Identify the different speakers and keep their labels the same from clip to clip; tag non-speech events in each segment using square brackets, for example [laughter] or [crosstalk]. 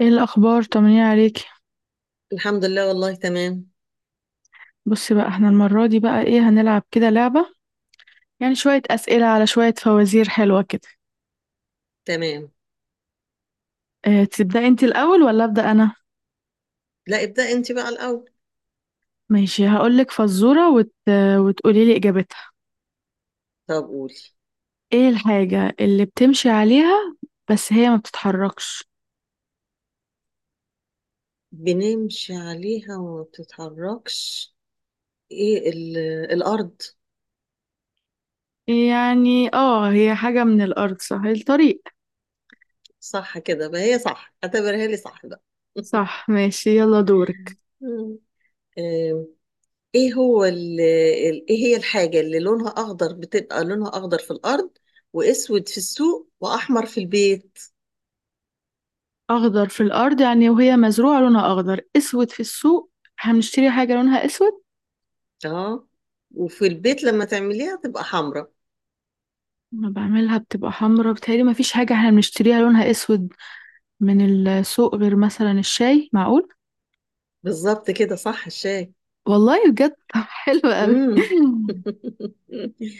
Speaker 1: ايه الاخبار، طمنين عليك؟
Speaker 2: الحمد لله والله، تمام
Speaker 1: بصي بقى، احنا المره دي بقى ايه هنلعب كده لعبه؟ يعني شويه اسئله على شويه فوازير حلوه كده.
Speaker 2: تمام.
Speaker 1: اه، تبداي انت الاول ولا ابدا انا؟
Speaker 2: لا، ابدأ انت بقى الأول.
Speaker 1: ماشي، هقولك فزوره وتقولي لي اجابتها.
Speaker 2: طب قولي.
Speaker 1: ايه الحاجه اللي بتمشي عليها بس هي ما بتتحركش؟
Speaker 2: بنمشي عليها وما بتتحركش. ايه الأرض.
Speaker 1: يعني اه هي حاجه من الارض، صح؟ الطريق.
Speaker 2: صح كده بقى، هي صح، اعتبرها لي صح بقى. [laughs]
Speaker 1: صح، ماشي، يلا دورك.
Speaker 2: مم. آم، ايه هو ايه هي الحاجة اللي لونها أخضر، بتبقى لونها أخضر في الأرض وأسود في السوق وأحمر في البيت؟
Speaker 1: اخضر في الارض يعني وهي مزروعه لونها اخضر، اسود في السوق. هنشتري حاجه لونها اسود؟
Speaker 2: اه. وفي البيت لما تعمليها تبقى حمراء.
Speaker 1: انا بعملها بتبقى حمرا، بتهيألي ما فيش حاجة احنا بنشتريها لونها اسود من السوق غير مثلا الشاي، معقول؟
Speaker 2: بالظبط كده، صح الشاي.
Speaker 1: والله بجد! [laughs] طب حلو قوي.
Speaker 2: امم [laughs]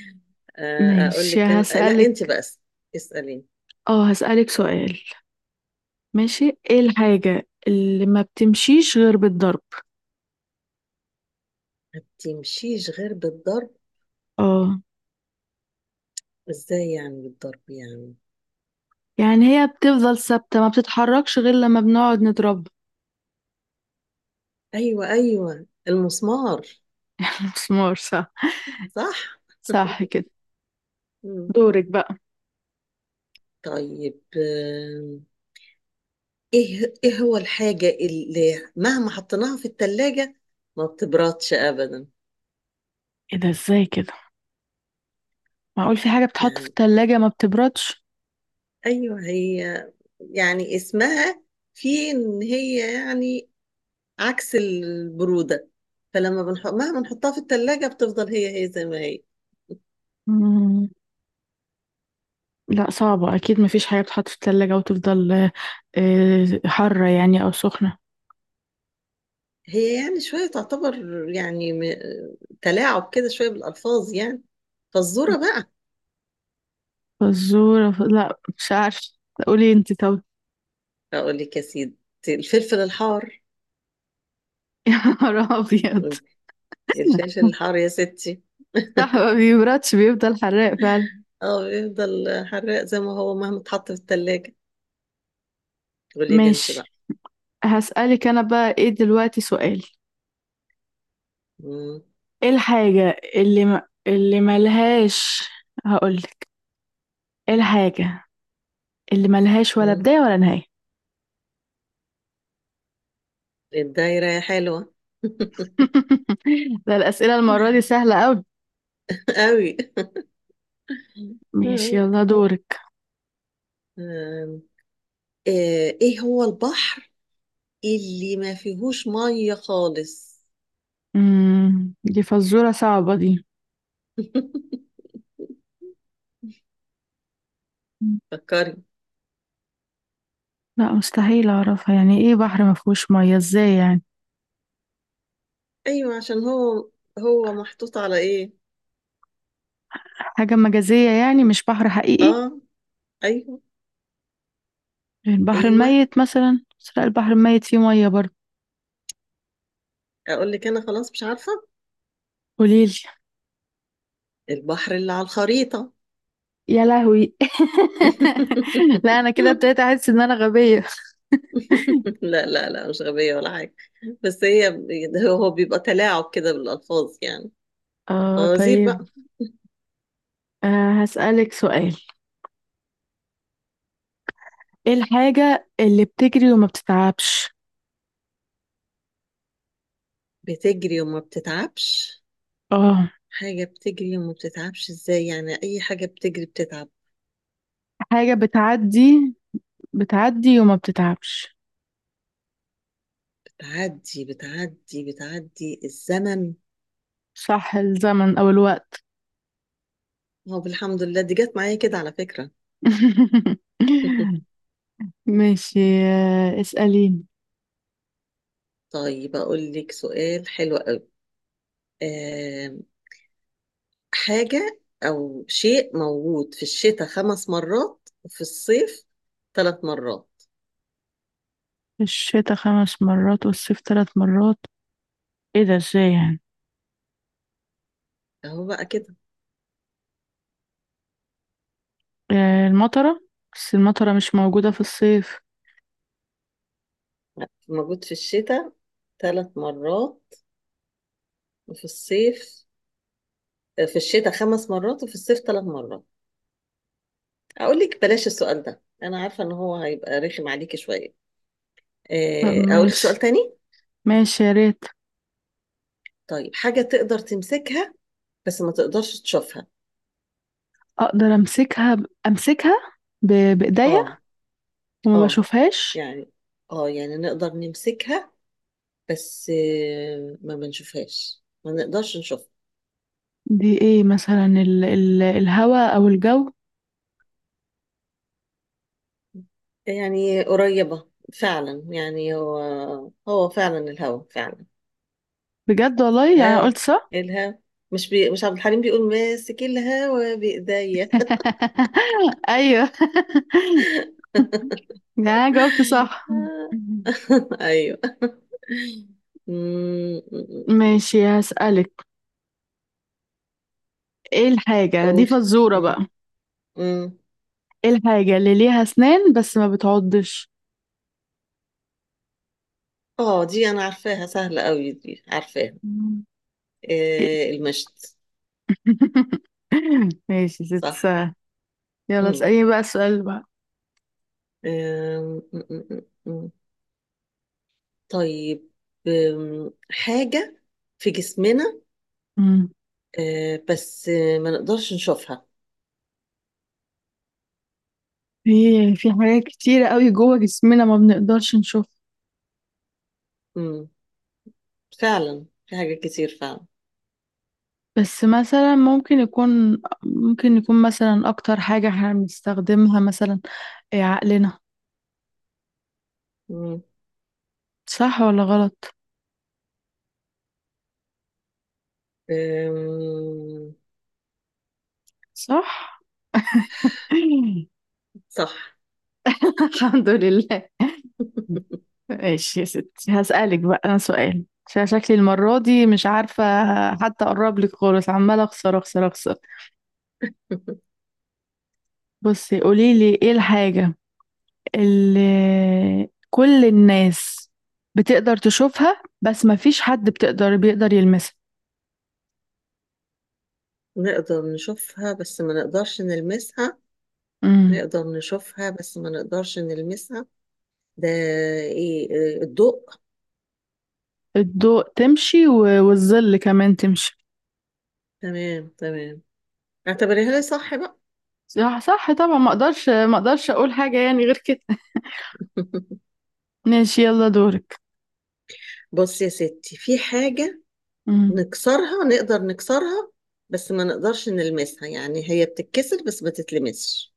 Speaker 2: اقول
Speaker 1: ماشي،
Speaker 2: لك أنا، لا انت
Speaker 1: هسألك
Speaker 2: بقى اساليني.
Speaker 1: اه هسألك سؤال. ماشي. ايه الحاجة اللي ما بتمشيش غير بالضرب؟
Speaker 2: ما بتمشيش غير بالضرب؟
Speaker 1: اه.
Speaker 2: ازاي يعني بالضرب يعني؟
Speaker 1: يعني هي بتفضل ثابتة ما بتتحركش غير لما بنقعد نضربها.
Speaker 2: ايوه ايوه، المسمار.
Speaker 1: [laughs] مسمار، صح.
Speaker 2: صح.
Speaker 1: صح
Speaker 2: [laughs]
Speaker 1: كده.
Speaker 2: مم.
Speaker 1: دورك بقى.
Speaker 2: طيب، ايه هو الحاجة اللي مهما حطيناها في التلاجة ما بتبردش ابدا؟
Speaker 1: ايه ده ازاي كده؟ معقول في حاجة بتحط في
Speaker 2: يعني
Speaker 1: التلاجة ما بتبردش؟
Speaker 2: ايوه، هي يعني اسمها، في ان هي يعني عكس البرودة. فلما بنحط، مهما نحطها في التلاجة بتفضل هي هي زي ما هي.
Speaker 1: لا صعبة أكيد، مفيش حاجة بتحط في التلاجة وتفضل حارة يعني أو سخنة.
Speaker 2: هي يعني شوية تعتبر يعني تلاعب كده شوية بالألفاظ يعني. فالذرة بقى.
Speaker 1: فزورة، لا مش عارفة. قولي انت، طب.
Speaker 2: أقول لك يا سيدي، الفلفل الحار.
Speaker 1: [laughs] يا نهار أبيض!
Speaker 2: الفلفل الحار يا ستي.
Speaker 1: صح، ما بيبردش، بيفضل حراق فعلا.
Speaker 2: اه، بيفضل حراق زي ما هو مهما اتحط في التلاجة. قولي لي انت بقى.
Speaker 1: ماشي، هسألك أنا بقى إيه دلوقتي سؤال.
Speaker 2: مم.
Speaker 1: إيه الحاجة اللي ما... اللي ملهاش، هقولك، إيه الحاجة اللي ملهاش ولا
Speaker 2: مم.
Speaker 1: بداية ولا نهاية؟
Speaker 2: الدايرة يا حلوة.
Speaker 1: [laughs] ده الأسئلة المرة دي سهلة أوي.
Speaker 2: [laughs] قوي.
Speaker 1: ماشي،
Speaker 2: آم،
Speaker 1: يلا دورك.
Speaker 2: آه، ايه هو البحر اللي ما فيهوش ميه خالص؟
Speaker 1: دي فزورة صعبة دي.
Speaker 2: [laughs]
Speaker 1: مم.
Speaker 2: فكري.
Speaker 1: لا، مستحيل اعرفها، يعني ايه بحر ما فيهوش ميه ازاي يعني؟
Speaker 2: ايوه، عشان هو محطوط على ايه؟
Speaker 1: حاجة مجازية يعني، مش بحر حقيقي.
Speaker 2: اه. ايوه.
Speaker 1: البحر
Speaker 2: ايوه،
Speaker 1: الميت مثلا، بس لا البحر الميت فيه ميه برضه.
Speaker 2: اقول لك انا، خلاص مش عارفه.
Speaker 1: قوليلي.
Speaker 2: البحر اللي على الخريطه.
Speaker 1: يا لهوي! [laughs]
Speaker 2: [laughs]
Speaker 1: لا، انا كده ابتديت احس ان انا غبية.
Speaker 2: لا لا لا، مش غبيه ولا حاجه. بس هي هو بيبقى تلاعب كده بالالفاظ يعني.
Speaker 1: اه،
Speaker 2: فوازير
Speaker 1: طيب.
Speaker 2: بقى.
Speaker 1: هسألك سؤال. ايه الحاجة اللي بتجري وما بتتعبش؟
Speaker 2: بتجري وما بتتعبش؟
Speaker 1: اه.
Speaker 2: حاجه بتجري وما بتتعبش ازاي يعني؟ اي حاجه بتجري بتتعب.
Speaker 1: حاجة بتعدي بتعدي وما بتتعبش.
Speaker 2: بتعدي بتعدي بتعدي، الزمن.
Speaker 1: صح، الزمن او الوقت.
Speaker 2: هو الحمد لله دي جت معايا كده على فكرة.
Speaker 1: [laughs]
Speaker 2: [laughs]
Speaker 1: ماشي، اسأليني.
Speaker 2: طيب أقول لك سؤال حلو قوي. آم، حاجة أو شيء موجود في الشتاء خمس مرات وفي الصيف ثلاث مرات.
Speaker 1: الشتاء خمس مرات والصيف ثلاث مرات. ايه ده ازاي يعني؟
Speaker 2: أهو بقى كده.
Speaker 1: آه، المطرة. بس المطرة مش موجودة في الصيف.
Speaker 2: موجود في الشتاء ثلاث مرات وفي الصيف. في الشتاء خمس مرات وفي الصيف ثلاث مرات. أقول لك بلاش السؤال ده، أنا عارفة إن هو هيبقى رخم عليكي شوية.
Speaker 1: طب
Speaker 2: أقول لك سؤال
Speaker 1: ماشي.
Speaker 2: تاني.
Speaker 1: ماشي يا ريت.
Speaker 2: طيب، حاجة تقدر تمسكها بس ما تقدرش تشوفها.
Speaker 1: اقدر امسكها ب... بايديا
Speaker 2: اه.
Speaker 1: وما
Speaker 2: اه.
Speaker 1: بشوفهاش.
Speaker 2: يعني، اه يعني نقدر نمسكها، بس ما بنشوفهاش، ما نقدرش نشوفها.
Speaker 1: دي ايه مثلا؟ الهواء او الجو.
Speaker 2: يعني قريبة، فعلا، يعني هو فعلا الهوا، فعلا
Speaker 1: بجد والله، يعني
Speaker 2: الهوا،
Speaker 1: قلت صح.
Speaker 2: الهوا. مش عبد الحليم بيقول ماسك الهوا بإيديا. [laughs]
Speaker 1: [laughs] ايوه. [laughs] يعني أنا جاوبت صح؟
Speaker 2: ايوه. [laughs] أمم،
Speaker 1: ماشي، هسألك. ايه الحاجة دي
Speaker 2: قولي.
Speaker 1: فزورة
Speaker 2: أمم،
Speaker 1: بقى؟
Speaker 2: أمم.
Speaker 1: ايه الحاجة اللي ليها اسنان بس ما بتعضش؟
Speaker 2: اه، دي انا عارفاها سهلة قوي، دي عارفاها.
Speaker 1: مم. إيه؟
Speaker 2: المشط.
Speaker 1: [laughs] ماشي، ست
Speaker 2: صح.
Speaker 1: ساعة. يلا،
Speaker 2: مم.
Speaker 1: اسأليني بقى السؤال بقى.
Speaker 2: آم، مم، مم، مم. طيب، حاجة في جسمنا،
Speaker 1: مم.
Speaker 2: بس ما نقدرش نشوفها.
Speaker 1: في في حاجات كتيرة قوي جوه جسمنا، ما بنقدرش نشوفها.
Speaker 2: مم. فعلا في حاجات كتير فعلا.
Speaker 1: بس مثلا ممكن يكون مثلا اكتر حاجة احنا بنستخدمها مثلا. إيه، عقلنا.
Speaker 2: مم.
Speaker 1: صح ولا غلط؟
Speaker 2: آم،
Speaker 1: صح. [laughs]
Speaker 2: صح.
Speaker 1: الحمد لله. ماشي يا ستي، هسألك بقى أنا سؤال عشان شكلي المرة دي مش عارفة. حتى أقرب لك خالص، عمالة أخسر أخسر أخسر.
Speaker 2: [laughs]
Speaker 1: بصي، قوليلي إيه الحاجة اللي كل الناس بتقدر تشوفها بس مفيش حد بيقدر يلمسها؟
Speaker 2: نقدر نشوفها بس ما نقدرش نلمسها.
Speaker 1: امم.
Speaker 2: نقدر نشوفها بس ما نقدرش نلمسها. ده ايه؟ الضوء.
Speaker 1: الضوء تمشي، والظل كمان تمشي.
Speaker 2: تمام تمام. اعتبريها لي صح بقى.
Speaker 1: صح، صح، طبعا ما اقدرش اقول حاجة يعني غير كده.
Speaker 2: [laughs]
Speaker 1: [laughs] ماشي، يلا دورك.
Speaker 2: بص يا ستي، في حاجة
Speaker 1: امم.
Speaker 2: نقدر نكسرها بس ما نقدرش نلمسها. يعني هي بتتكسر بس ما تتلمسش.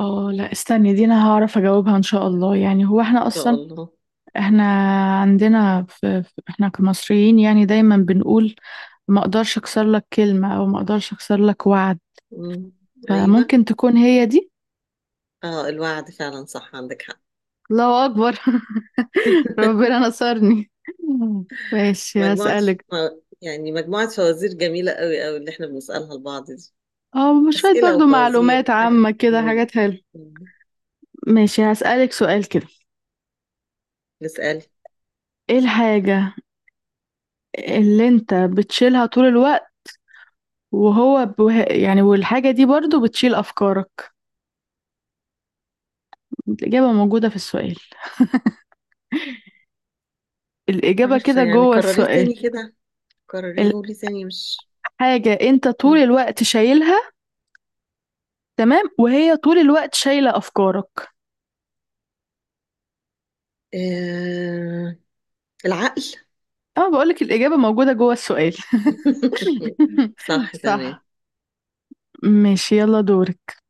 Speaker 1: اه، لا استني، دي انا هعرف اجاوبها ان شاء الله. يعني هو احنا
Speaker 2: ان شاء
Speaker 1: اصلا
Speaker 2: الله.
Speaker 1: احنا عندنا احنا كمصريين يعني دايما بنقول ما اقدرش اكسر لك كلمة او ما اقدرش اكسر لك وعد.
Speaker 2: مم. ايوه.
Speaker 1: فممكن تكون هي دي.
Speaker 2: اه، الوعد فعلا، صح عندك حق.
Speaker 1: الله اكبر! [laughs] ربنا
Speaker 2: [laughs]
Speaker 1: نصرني! ماشي،
Speaker 2: مجموعة
Speaker 1: هسألك.
Speaker 2: يعني مجموعة فوازير جميلة قوي قوي اللي احنا بنسألها لبعض دي.
Speaker 1: اه، شوية
Speaker 2: أسئلة
Speaker 1: برضو
Speaker 2: وفوازير
Speaker 1: معلومات
Speaker 2: وحاجات
Speaker 1: عامة كده،
Speaker 2: جميلة.
Speaker 1: حاجات حلوة.
Speaker 2: مم.
Speaker 1: ماشي، هسألك سؤال كده.
Speaker 2: نسأل.
Speaker 1: ايه الحاجة اللي انت بتشيلها طول الوقت وهو يعني والحاجة دي برضو بتشيل افكارك؟ الإجابة موجودة في السؤال، الإجابة
Speaker 2: عارفة،
Speaker 1: كده
Speaker 2: يعني
Speaker 1: جوه
Speaker 2: قرريه
Speaker 1: السؤال.
Speaker 2: تاني كده، قرريه لي تاني، مش.
Speaker 1: حاجة انت طول
Speaker 2: مم.
Speaker 1: الوقت شايلها، تمام، وهي طول الوقت شايلة افكارك.
Speaker 2: آه... العقل.
Speaker 1: اه، بقولك الاجابة موجودة جوه السؤال. [laughs]
Speaker 2: [laughs] صح تمام.
Speaker 1: صح. ماشي، يلا دورك.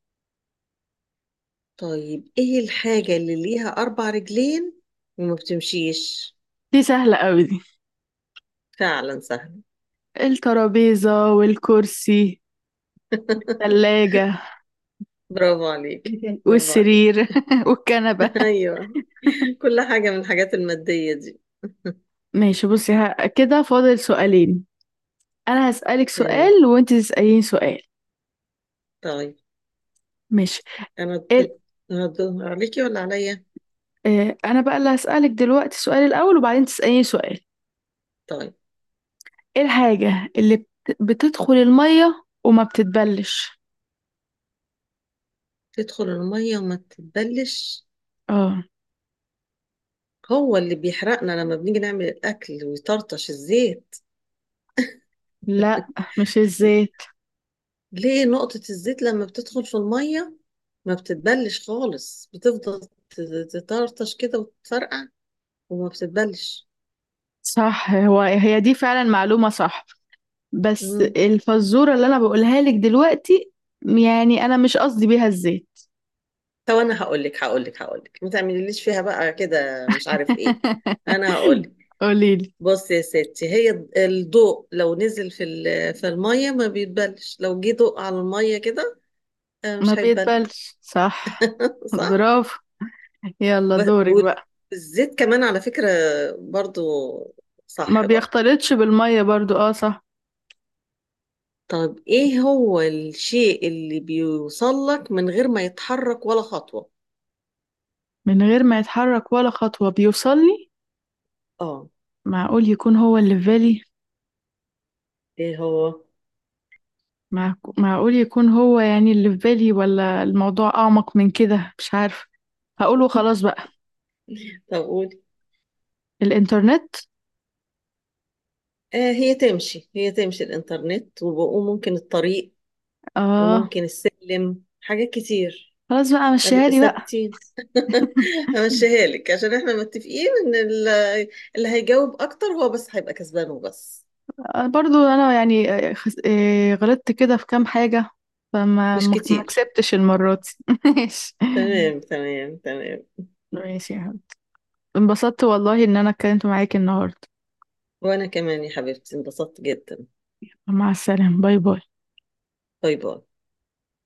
Speaker 2: طيب ايه الحاجة اللي ليها اربع رجلين وما بتمشيش؟
Speaker 1: دي سهلة قوي دي.
Speaker 2: فعلا سهل.
Speaker 1: الترابيزة والكرسي،
Speaker 2: [laughs]
Speaker 1: الثلاجة،
Speaker 2: برافو عليك. برافو عليك.
Speaker 1: والسرير [laughs] والكنبة.
Speaker 2: [laughs] ايوه، كل حاجة من الحاجات المادية دي.
Speaker 1: ماشي، بصي، كده فاضل سؤالين. انا هسألك
Speaker 2: تمام.
Speaker 1: سؤال وانت تسألين سؤال.
Speaker 2: طيب،
Speaker 1: ماشي.
Speaker 2: انا
Speaker 1: ال...
Speaker 2: انا الدور عليكي ولا عليا؟
Speaker 1: آه، انا بقى اللي هسألك دلوقتي السؤال الاول، وبعدين تسأليني سؤال.
Speaker 2: طيب.
Speaker 1: ايه الحاجة اللي بتدخل المية وما بتتبلش؟
Speaker 2: تدخل المية وما تتبلش؟
Speaker 1: اه،
Speaker 2: هو اللي بيحرقنا لما بنيجي نعمل الاكل ويطرطش الزيت.
Speaker 1: لا، مش الزيت.
Speaker 2: ليه نقطة الزيت لما بتدخل في المية ما بتتبلش خالص، بتفضل ت- تطرطش كده وتفرقع وما بتتبلش.
Speaker 1: صح، هي دي فعلا معلومة، صح. بس
Speaker 2: مم.
Speaker 1: الفزورة اللي انا بقولها لك دلوقتي، يعني انا مش قصدي بيها الزيت.
Speaker 2: طب انا هقول لك، ما تعمليليش فيها بقى كده، مش عارف ايه. انا هقول لك.
Speaker 1: [laughs] قوليلي.
Speaker 2: بص يا ستي، هي الضوء لو نزل في في المية ما بيتبلش، لو جه ضوء على المية كده
Speaker 1: ما
Speaker 2: مش هيتبل.
Speaker 1: بيتبلش، صح.
Speaker 2: [laughs] صح.
Speaker 1: برافو! يلا
Speaker 2: ب-
Speaker 1: دورك بقى.
Speaker 2: والزيت كمان على فكرة، برضو،
Speaker 1: ما
Speaker 2: صح برضو.
Speaker 1: بيختلطش بالمية برضو، اه صح.
Speaker 2: طب ايه هو الشيء اللي بيوصل لك من غير ما يتحرك ولا خطوة؟
Speaker 1: من غير ما يتحرك ولا خطوة، بيوصلني؟
Speaker 2: اه.
Speaker 1: معقول يكون هو اللي في بالي.
Speaker 2: ايه هو؟
Speaker 1: معقول يكون هو يعني اللي في بالي، ولا الموضوع أعمق من كده؟ مش عارفة. هقوله خلاص
Speaker 2: [laughs]
Speaker 1: بقى.
Speaker 2: طب قولي.
Speaker 1: الإنترنت.
Speaker 2: آه، هي تمشي هي تمشي الانترنت، وممكن الطريق
Speaker 1: آه،
Speaker 2: وممكن السلم، حاجات كتير.
Speaker 1: خلاص بقى مشيها لي بقى.
Speaker 2: ثابتين.
Speaker 1: [laughs]
Speaker 2: همشيها لك عشان احنا متفقين ان اللي هيجاوب اكتر هو بس هيبقى كسبان وبس.
Speaker 1: برضو أنا يعني غلطت كده في كام حاجة. فما
Speaker 2: مش
Speaker 1: ما ما
Speaker 2: كتير.
Speaker 1: كسبتش المرة دي. [laughs] ماشي.
Speaker 2: تمام تمام تمام.
Speaker 1: ماشي يا حبيبي، انبسطت والله إن أنا اتكلمت معاك النهاردة.
Speaker 2: [laughs] وانا كمان يا حبيبتي، انبسطت جدا.
Speaker 1: مع السلامة، باي باي.
Speaker 2: باي باي.